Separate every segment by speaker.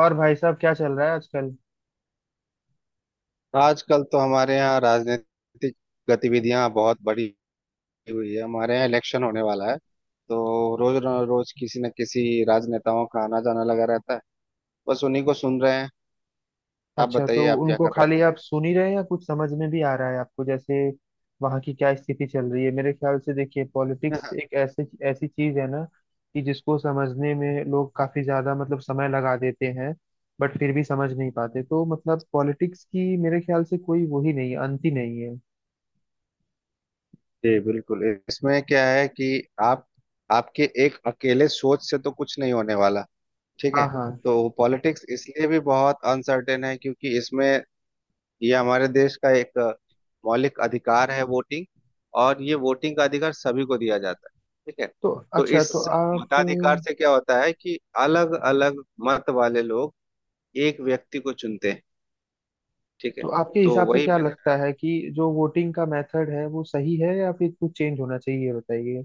Speaker 1: और भाई साहब क्या चल रहा है आजकल।
Speaker 2: आजकल तो हमारे यहाँ राजनीतिक गतिविधियां बहुत बढ़ी हुई है। हमारे यहाँ इलेक्शन होने वाला है, तो रोज किसी न किसी राजनेताओं का आना जाना लगा रहता है। बस उन्हीं को सुन रहे हैं। आप
Speaker 1: अच्छा, तो
Speaker 2: बताइए, आप क्या
Speaker 1: उनको
Speaker 2: कर रहे
Speaker 1: खाली आप सुन ही रहे हैं या कुछ समझ में भी आ रहा है आपको? जैसे वहां की क्या स्थिति चल रही है? मेरे ख्याल से देखिए,
Speaker 2: हैं?
Speaker 1: पॉलिटिक्स एक ऐसे ऐसी चीज है ना कि जिसको समझने में लोग काफी ज्यादा, मतलब, समय लगा देते हैं। बट फिर भी समझ नहीं पाते, तो मतलब पॉलिटिक्स की मेरे ख्याल से कोई वो ही नहीं है, अंत ही नहीं है।
Speaker 2: जी बिल्कुल। इसमें क्या है कि आप आपके एक अकेले सोच से तो कुछ नहीं होने वाला। ठीक है।
Speaker 1: हाँ हाँ।
Speaker 2: तो पॉलिटिक्स इसलिए भी बहुत अनसर्टेन है क्योंकि इसमें ये हमारे देश का एक मौलिक अधिकार है वोटिंग। और ये वोटिंग का अधिकार सभी को दिया जाता है। ठीक है।
Speaker 1: तो
Speaker 2: तो
Speaker 1: अच्छा,
Speaker 2: इस
Speaker 1: तो आप,
Speaker 2: मताधिकार से क्या होता है कि अलग अलग मत वाले लोग एक व्यक्ति को चुनते हैं। ठीक है।
Speaker 1: तो आपके
Speaker 2: तो
Speaker 1: हिसाब से
Speaker 2: वही
Speaker 1: क्या
Speaker 2: मैंने कहा,
Speaker 1: लगता है कि जो वोटिंग का मेथड है वो सही है या फिर कुछ चेंज होना चाहिए, ये बताइए।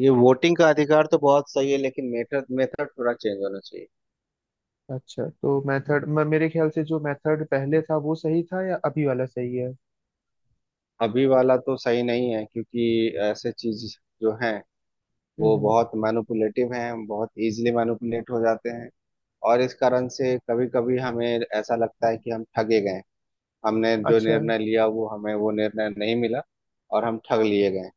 Speaker 2: ये वोटिंग का अधिकार तो बहुत सही है, लेकिन मेथड मेथड थोड़ा चेंज होना चाहिए।
Speaker 1: अच्छा, तो मेथड, मेरे ख्याल से जो मेथड पहले था वो सही था या अभी वाला सही है?
Speaker 2: अभी वाला तो सही नहीं है, क्योंकि ऐसे चीज जो है वो
Speaker 1: हम्म।
Speaker 2: बहुत मैनिपुलेटिव हैं, बहुत इजीली मैनिपुलेट हो जाते हैं। और इस कारण से कभी कभी हमें ऐसा लगता है कि हम ठगे गए। हमने जो
Speaker 1: अच्छा।
Speaker 2: निर्णय लिया वो हमें, वो निर्णय नहीं मिला, और हम ठग लिए गए।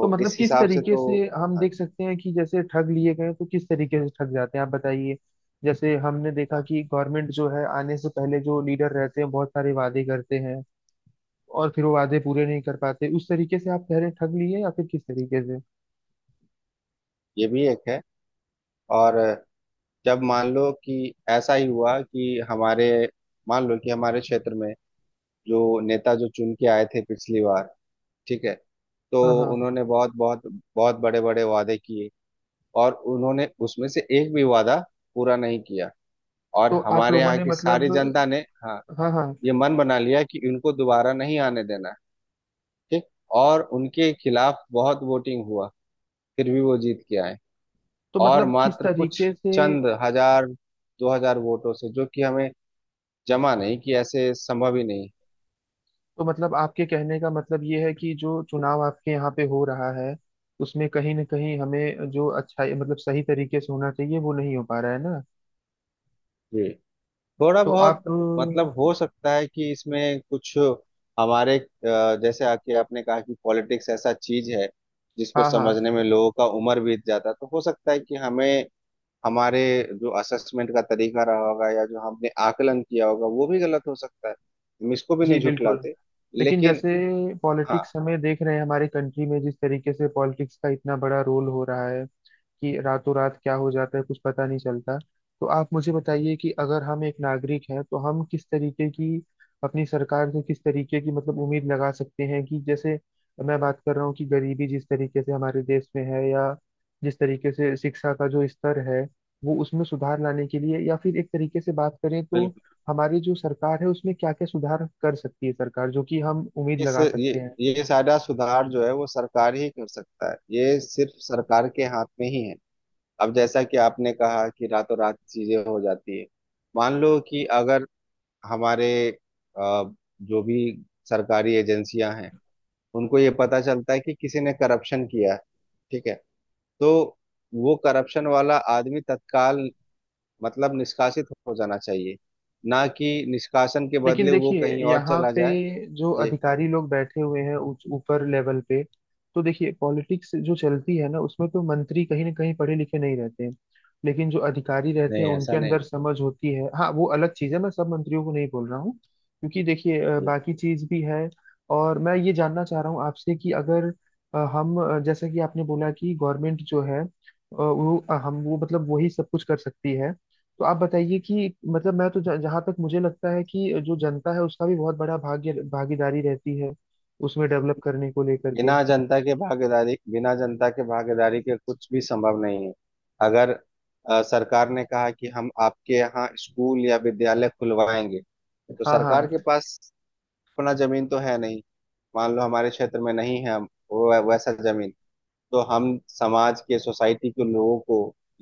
Speaker 1: तो मतलब
Speaker 2: इस
Speaker 1: किस
Speaker 2: हिसाब से
Speaker 1: तरीके
Speaker 2: तो
Speaker 1: से हम
Speaker 2: अच्छा,
Speaker 1: देख सकते हैं कि जैसे ठग लिए गए, तो किस तरीके से ठग जाते हैं आप बताइए। जैसे हमने देखा कि गवर्नमेंट जो है, आने से पहले जो लीडर रहते हैं बहुत सारे वादे करते हैं, और फिर वो वादे पूरे नहीं कर पाते। उस तरीके से आप कह रहे हैं ठग लिए, या फिर किस तरीके से?
Speaker 2: ये भी एक है। और जब मान लो कि ऐसा ही हुआ कि हमारे, मान लो कि हमारे क्षेत्र में जो नेता जो चुन के आए थे पिछली बार, ठीक है, तो
Speaker 1: हाँ हाँ।
Speaker 2: उन्होंने बहुत बहुत बहुत बड़े बड़े वादे किए, और उन्होंने उसमें से एक भी वादा पूरा नहीं किया। और
Speaker 1: तो आप
Speaker 2: हमारे
Speaker 1: लोगों
Speaker 2: यहाँ
Speaker 1: ने,
Speaker 2: की सारी
Speaker 1: मतलब,
Speaker 2: जनता ने हाँ
Speaker 1: हाँ हाँ।
Speaker 2: ये मन बना लिया कि इनको दोबारा नहीं आने देना। ठीक। और उनके खिलाफ बहुत वोटिंग हुआ, फिर भी वो जीत के आए।
Speaker 1: तो
Speaker 2: और
Speaker 1: मतलब किस
Speaker 2: मात्र कुछ
Speaker 1: तरीके से?
Speaker 2: चंद हजार, 2,000 वोटों से, जो कि हमें जमा नहीं कि ऐसे संभव ही नहीं।
Speaker 1: तो मतलब आपके कहने का मतलब ये है कि जो चुनाव आपके यहाँ पे हो रहा है, उसमें कहीं ना कहीं हमें जो अच्छा, मतलब सही तरीके से होना चाहिए वो नहीं हो पा रहा है ना?
Speaker 2: जी थोड़ा
Speaker 1: तो आप,
Speaker 2: बहुत मतलब हो सकता है कि इसमें कुछ हमारे जैसे आके आपने कहा कि पॉलिटिक्स ऐसा चीज है जिसको
Speaker 1: हाँ हाँ।
Speaker 2: समझने में लोगों का उम्र बीत जाता। तो हो सकता है कि हमें, हमारे जो असेसमेंट का तरीका रहा होगा या जो हमने आकलन किया होगा वो भी गलत हो सकता है। हम इसको भी
Speaker 1: जी
Speaker 2: नहीं
Speaker 1: बिल्कुल।
Speaker 2: झुटलाते,
Speaker 1: लेकिन
Speaker 2: लेकिन
Speaker 1: जैसे
Speaker 2: हाँ
Speaker 1: पॉलिटिक्स हमें देख रहे हैं हमारे कंट्री में, जिस तरीके से पॉलिटिक्स का इतना बड़ा रोल हो रहा है कि रातों रात क्या हो जाता है कुछ पता नहीं चलता। तो आप मुझे बताइए कि अगर हम एक नागरिक हैं तो हम किस तरीके की, अपनी सरकार से किस तरीके की, मतलब, उम्मीद लगा सकते हैं कि जैसे मैं बात कर रहा हूँ कि गरीबी जिस तरीके से हमारे देश में है, या जिस तरीके से शिक्षा का जो स्तर है वो, उसमें सुधार लाने के लिए, या फिर एक तरीके से बात करें तो
Speaker 2: बिल्कुल।
Speaker 1: हमारी जो सरकार है उसमें क्या क्या सुधार कर सकती है सरकार, जो कि हम उम्मीद
Speaker 2: इस
Speaker 1: लगा सकते हैं।
Speaker 2: ये सारा सुधार जो है वो सरकार ही कर सकता है। ये सिर्फ सरकार के हाथ में ही है। अब जैसा कि आपने कहा कि रातों रात चीजें हो जाती है। मान लो कि अगर हमारे अ, जो भी सरकारी एजेंसियां हैं उनको ये पता चलता है कि किसी ने करप्शन किया है, ठीक है, तो वो करप्शन वाला आदमी तत्काल मतलब निष्कासित हो जाना चाहिए, ना कि निष्कासन के
Speaker 1: लेकिन
Speaker 2: बदले वो
Speaker 1: देखिए,
Speaker 2: कहीं और
Speaker 1: यहाँ
Speaker 2: चला जाए।
Speaker 1: पे जो
Speaker 2: जी
Speaker 1: अधिकारी लोग बैठे हुए हैं ऊपर लेवल पे, तो देखिए पॉलिटिक्स जो चलती है ना, उसमें तो मंत्री कहीं ना कहीं पढ़े लिखे नहीं रहते हैं। लेकिन जो अधिकारी रहते हैं
Speaker 2: नहीं
Speaker 1: उनके
Speaker 2: ऐसा नहीं।
Speaker 1: अंदर समझ होती है। हाँ वो अलग चीज़ है, मैं सब मंत्रियों को नहीं बोल रहा हूँ, क्योंकि देखिए
Speaker 2: जी
Speaker 1: बाकी चीज़ भी है। और मैं ये जानना चाह रहा हूँ आपसे कि अगर हम, जैसा कि आपने बोला कि गवर्नमेंट जो है, वो, हम वो, मतलब, वही सब कुछ कर सकती है। तो आप बताइए कि, मतलब, मैं तो जहां तक मुझे लगता है कि जो जनता है उसका भी बहुत बड़ा भाग्य भागीदारी रहती है उसमें, डेवलप करने को लेकर के।
Speaker 2: बिना जनता के भागीदारी, बिना जनता के भागीदारी के कुछ भी संभव नहीं है। अगर सरकार ने कहा कि हम आपके यहाँ स्कूल या विद्यालय खुलवाएंगे, तो
Speaker 1: हाँ
Speaker 2: सरकार
Speaker 1: हाँ।
Speaker 2: के पास अपना जमीन तो है नहीं। मान लो हमारे क्षेत्र में नहीं है वो वैसा जमीन, तो हम समाज के सोसाइटी के लोगों को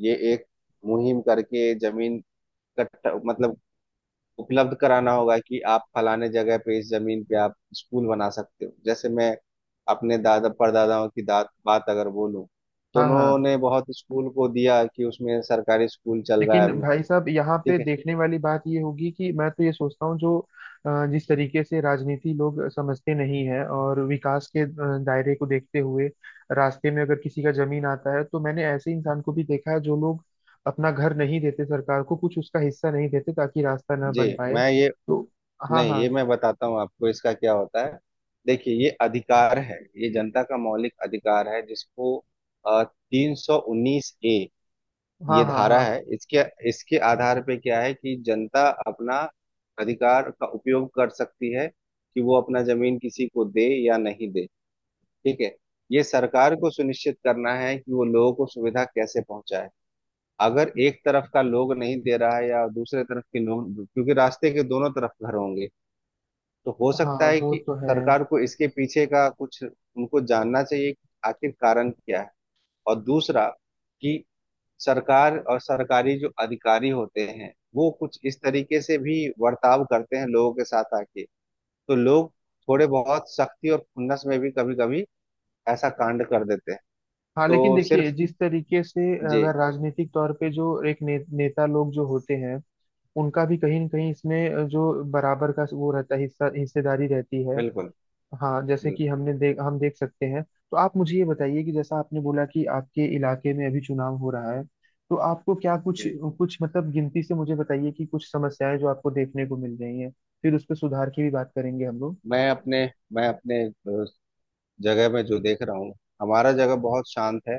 Speaker 2: ये एक मुहिम करके जमीन इकट्ठा मतलब उपलब्ध कराना होगा कि आप फलाने जगह पे इस जमीन पे आप स्कूल बना सकते हो। जैसे मैं अपने दादा परदादाओं की दात बात अगर बोलूं, तो
Speaker 1: हाँ हाँ।
Speaker 2: उन्होंने बहुत स्कूल को दिया कि उसमें सरकारी स्कूल चल रहा है
Speaker 1: लेकिन
Speaker 2: अभी।
Speaker 1: भाई साहब, यहाँ पे
Speaker 2: ठीक है
Speaker 1: देखने वाली बात ये होगी कि मैं तो ये सोचता हूँ जो जिस तरीके से राजनीति लोग समझते नहीं है, और विकास के दायरे को देखते हुए रास्ते में अगर किसी का जमीन आता है, तो मैंने ऐसे इंसान को भी देखा है जो लोग अपना घर नहीं देते सरकार को, कुछ उसका हिस्सा नहीं देते ताकि रास्ता ना
Speaker 2: जी।
Speaker 1: बन पाए।
Speaker 2: मैं ये
Speaker 1: तो हाँ
Speaker 2: नहीं
Speaker 1: हाँ।
Speaker 2: ये मैं बताता हूँ आपको इसका क्या होता है। देखिए ये अधिकार है, ये जनता का मौलिक अधिकार है, जिसको 319A
Speaker 1: हाँ
Speaker 2: ये
Speaker 1: हाँ।
Speaker 2: धारा
Speaker 1: हाँ
Speaker 2: है। इसके, इसके आधार पे क्या है कि जनता अपना अधिकार का उपयोग कर सकती है कि वो अपना जमीन किसी को दे या नहीं दे। ठीक है। ये सरकार को सुनिश्चित करना है कि वो लोगों को सुविधा कैसे पहुंचाए। अगर एक तरफ का लोग नहीं दे रहा है या दूसरे तरफ के लोग, क्योंकि रास्ते के दोनों तरफ घर होंगे, तो हो
Speaker 1: हाँ
Speaker 2: सकता है
Speaker 1: वो
Speaker 2: कि
Speaker 1: तो है।
Speaker 2: सरकार को इसके पीछे का कुछ उनको जानना चाहिए कि आखिर कारण क्या है। और दूसरा कि सरकार और सरकारी जो अधिकारी होते हैं वो कुछ इस तरीके से भी बर्ताव करते हैं लोगों के साथ आके, तो लोग थोड़े बहुत सख्ती और खुन्नस में भी कभी कभी ऐसा कांड कर देते हैं।
Speaker 1: हाँ लेकिन
Speaker 2: तो
Speaker 1: देखिए,
Speaker 2: सिर्फ
Speaker 1: जिस तरीके से
Speaker 2: जी
Speaker 1: अगर राजनीतिक तौर पे जो एक नेता लोग जो होते हैं, उनका भी कहीं न कहीं इसमें जो बराबर का वो रहता है, हिस्सा हिस्सेदारी रहती है।
Speaker 2: बिल्कुल
Speaker 1: हाँ जैसे
Speaker 2: बिल्कुल।
Speaker 1: कि हमने देख हम देख सकते हैं। तो आप मुझे ये बताइए कि जैसा आपने बोला कि आपके इलाके में अभी चुनाव हो रहा है, तो आपको क्या कुछ,
Speaker 2: जी
Speaker 1: कुछ, मतलब, गिनती से मुझे बताइए कि कुछ समस्याएं जो आपको देखने को मिल रही हैं, फिर उस पर सुधार की भी बात करेंगे हम लोग।
Speaker 2: मैं अपने मैं अपने जगह में जो देख रहा हूँ, हमारा जगह बहुत शांत है।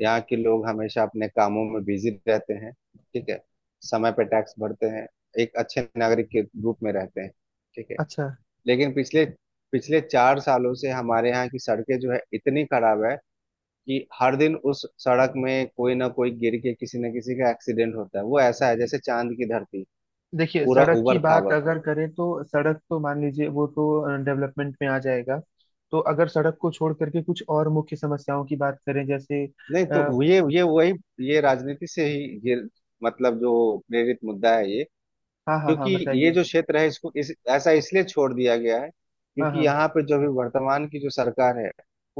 Speaker 2: यहाँ के लोग हमेशा अपने कामों में बिजी रहते हैं, ठीक है, समय पे टैक्स भरते हैं, एक अच्छे नागरिक के रूप में रहते हैं, ठीक है।
Speaker 1: अच्छा।
Speaker 2: लेकिन पिछले पिछले 4 सालों से हमारे यहाँ की सड़कें जो है इतनी खराब है कि हर दिन उस सड़क में कोई ना कोई गिर के किसी न किसी का एक्सीडेंट होता है। वो ऐसा है जैसे चांद की धरती,
Speaker 1: देखिए,
Speaker 2: पूरा
Speaker 1: सड़क की
Speaker 2: उबड़
Speaker 1: बात
Speaker 2: खाबड़।
Speaker 1: अगर करें तो सड़क तो मान लीजिए वो तो डेवलपमेंट में आ जाएगा। तो अगर सड़क को छोड़ करके कुछ और मुख्य समस्याओं की बात करें जैसे,
Speaker 2: नहीं
Speaker 1: आ,
Speaker 2: तो ये वही, ये राजनीति से ही ये मतलब जो प्रेरित मुद्दा है ये।
Speaker 1: हाँ हाँ
Speaker 2: क्योंकि
Speaker 1: हाँ
Speaker 2: ये
Speaker 1: बताइए।
Speaker 2: जो क्षेत्र है इसको इस ऐसा इसलिए छोड़ दिया गया है
Speaker 1: हाँ
Speaker 2: क्योंकि
Speaker 1: हाँ।
Speaker 2: यहाँ पे जो भी वर्तमान की जो सरकार है,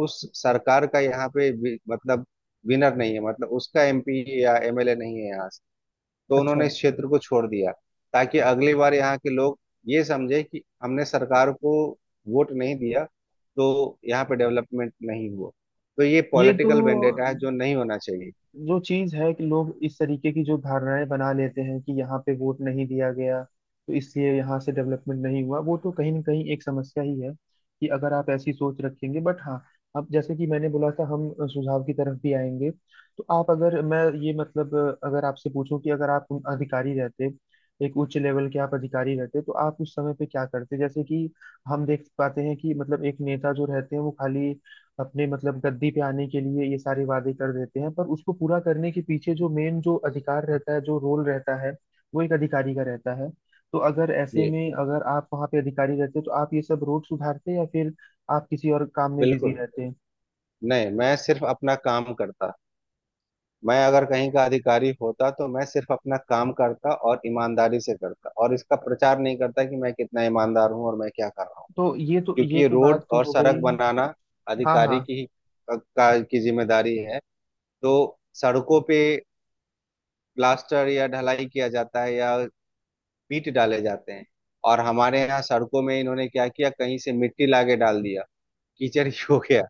Speaker 2: उस सरकार का यहाँ पे मतलब विनर नहीं है, मतलब उसका एमपी या एमएलए नहीं है यहाँ। तो
Speaker 1: अच्छा,
Speaker 2: उन्होंने इस क्षेत्र को छोड़ दिया ताकि अगली बार यहाँ के लोग ये समझे कि हमने सरकार को वोट नहीं दिया तो यहाँ पे डेवलपमेंट नहीं हुआ। तो ये
Speaker 1: ये तो
Speaker 2: पॉलिटिकल वेंडेटा है जो नहीं होना चाहिए।
Speaker 1: जो चीज है कि लोग इस तरीके की जो धारणाएं बना लेते हैं कि यहाँ पे वोट नहीं दिया गया तो इसलिए यहाँ से डेवलपमेंट नहीं हुआ, वो तो कहीं ना कहीं एक समस्या ही है कि अगर आप ऐसी सोच रखेंगे। बट हाँ, अब जैसे कि मैंने बोला था हम सुझाव की तरफ भी आएंगे। तो आप, अगर मैं ये, मतलब अगर आपसे पूछूं कि अगर आप अधिकारी रहते, एक उच्च लेवल के आप अधिकारी रहते, तो आप उस समय पे क्या करते? जैसे कि हम देख पाते हैं कि, मतलब, एक नेता जो रहते हैं वो खाली अपने, मतलब, गद्दी पे आने के लिए ये सारे वादे कर देते हैं, पर उसको पूरा करने के पीछे जो मेन जो अधिकार रहता है, जो रोल रहता है वो एक अधिकारी का रहता है। तो अगर ऐसे
Speaker 2: जी
Speaker 1: में अगर आप वहाँ पे अधिकारी रहते, तो आप ये सब रोड सुधारते या फिर आप किसी और काम में बिजी
Speaker 2: बिल्कुल।
Speaker 1: रहते?
Speaker 2: नहीं मैं सिर्फ अपना काम करता। मैं अगर कहीं का अधिकारी होता तो मैं सिर्फ अपना काम करता और ईमानदारी से करता, और इसका प्रचार नहीं करता कि मैं कितना ईमानदार हूँ और मैं क्या कर रहा हूँ।
Speaker 1: तो ये तो,
Speaker 2: क्योंकि
Speaker 1: ये
Speaker 2: ये
Speaker 1: तो
Speaker 2: रोड
Speaker 1: बात तो
Speaker 2: और
Speaker 1: हो
Speaker 2: सड़क
Speaker 1: गई।
Speaker 2: बनाना
Speaker 1: हाँ
Speaker 2: अधिकारी
Speaker 1: हाँ।
Speaker 2: की ही की जिम्मेदारी है। तो सड़कों पे प्लास्टर या ढलाई किया जाता है या ईंट डाले जाते हैं। और हमारे यहाँ सड़कों में इन्होंने क्या किया, कहीं से मिट्टी लाके डाल दिया, कीचड़ ही हो गया।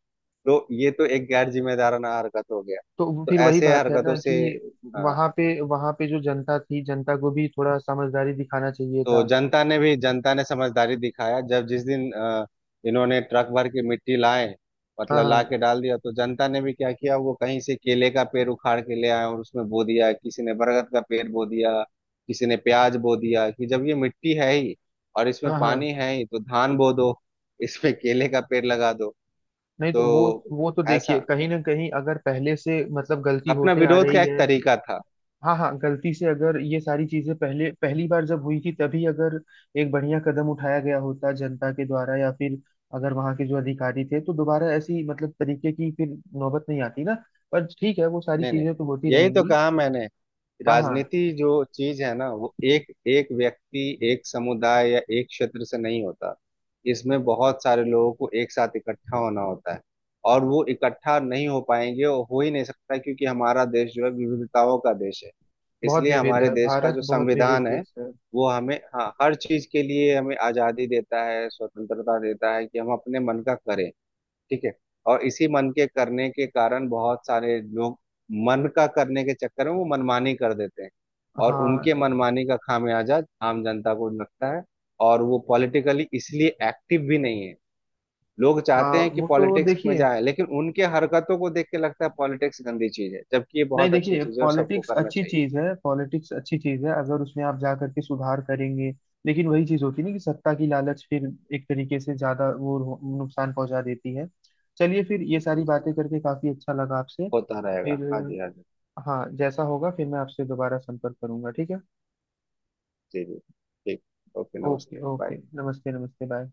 Speaker 2: तो ये तो एक गैर जिम्मेदाराना हरकत हो गया।
Speaker 1: तो वो
Speaker 2: तो
Speaker 1: फिर वही
Speaker 2: ऐसे
Speaker 1: बात है
Speaker 2: हरकतों
Speaker 1: ना
Speaker 2: से
Speaker 1: कि
Speaker 2: अ,
Speaker 1: वहाँ पे, वहाँ पे जो जनता थी, जनता को भी थोड़ा समझदारी दिखाना चाहिए
Speaker 2: तो
Speaker 1: था।
Speaker 2: जनता ने भी, जनता ने समझदारी दिखाया जब जिस दिन इन्होंने ट्रक भर के मिट्टी लाए,
Speaker 1: हाँ
Speaker 2: मतलब ला
Speaker 1: हाँ।
Speaker 2: के डाल दिया, तो जनता ने भी क्या किया, वो कहीं से केले का पेड़ उखाड़ के ले आए और उसमें बो दिया, किसी ने बरगद का पेड़ बो दिया, किसी ने प्याज बो दिया कि जब ये मिट्टी है ही और इसमें
Speaker 1: हाँ
Speaker 2: पानी
Speaker 1: हाँ।
Speaker 2: है ही तो धान बो दो, इसमें केले का पेड़ लगा दो।
Speaker 1: नहीं तो वो
Speaker 2: तो
Speaker 1: वो तो देखिए
Speaker 2: ऐसा
Speaker 1: कहीं ना कहीं अगर पहले से, मतलब, गलती
Speaker 2: अपना
Speaker 1: होते आ
Speaker 2: विरोध का
Speaker 1: रही
Speaker 2: एक
Speaker 1: है।
Speaker 2: तरीका था।
Speaker 1: हाँ हाँ, गलती से अगर ये सारी चीजें पहले पहली बार जब हुई थी तभी अगर एक बढ़िया कदम उठाया गया होता जनता के द्वारा या फिर अगर वहाँ के जो अधिकारी थे, तो दोबारा ऐसी मतलब तरीके की फिर नौबत नहीं आती ना। पर ठीक है, वो सारी
Speaker 2: नहीं नहीं
Speaker 1: चीजें तो होती
Speaker 2: यही तो
Speaker 1: रहेंगी।
Speaker 2: कहा मैंने।
Speaker 1: हाँ हाँ।
Speaker 2: राजनीति जो चीज है ना वो एक एक व्यक्ति, एक समुदाय या एक क्षेत्र से नहीं होता। इसमें बहुत सारे लोगों को एक साथ इकट्ठा होना होता है। और वो इकट्ठा नहीं हो पाएंगे, और हो ही नहीं सकता, क्योंकि हमारा देश जो है विविधताओं का देश है।
Speaker 1: बहुत
Speaker 2: इसलिए
Speaker 1: विविध
Speaker 2: हमारे
Speaker 1: है
Speaker 2: देश का
Speaker 1: भारत,
Speaker 2: जो
Speaker 1: बहुत विविध
Speaker 2: संविधान है
Speaker 1: देश है।
Speaker 2: वो हमें, हाँ, हर चीज के लिए हमें आजादी देता है, स्वतंत्रता देता है कि हम अपने मन का करें। ठीक है। और इसी मन के करने के कारण बहुत सारे लोग मन का करने के चक्कर में वो मनमानी कर देते हैं। और उनके
Speaker 1: हाँ
Speaker 2: मनमानी का खामियाजा आम जनता को लगता है। और वो पॉलिटिकली इसलिए एक्टिव भी नहीं है। लोग चाहते
Speaker 1: हाँ
Speaker 2: हैं कि
Speaker 1: वो तो
Speaker 2: पॉलिटिक्स में
Speaker 1: देखिए,
Speaker 2: जाए, लेकिन उनके हरकतों को देख के लगता है पॉलिटिक्स गंदी चीज है, जबकि ये
Speaker 1: नहीं
Speaker 2: बहुत अच्छी
Speaker 1: देखिए,
Speaker 2: चीज है और सबको
Speaker 1: पॉलिटिक्स
Speaker 2: करना
Speaker 1: अच्छी
Speaker 2: चाहिए।
Speaker 1: चीज है, पॉलिटिक्स अच्छी चीज है अगर उसमें आप जा करके सुधार करेंगे। लेकिन वही चीज होती है ना कि सत्ता की लालच फिर एक तरीके से ज्यादा वो नुकसान पहुंचा देती है। चलिए फिर, ये
Speaker 2: ठीक है,
Speaker 1: सारी बातें करके काफी अच्छा लगा आपसे।
Speaker 2: होता रहेगा।
Speaker 1: फिर,
Speaker 2: हाँ जी हाँ जी।
Speaker 1: हाँ जैसा होगा फिर मैं आपसे दोबारा संपर्क करूंगा, ठीक है?
Speaker 2: जी जी ठीक। ओके
Speaker 1: ओके
Speaker 2: नमस्ते बाय।
Speaker 1: ओके, नमस्ते नमस्ते, बाय।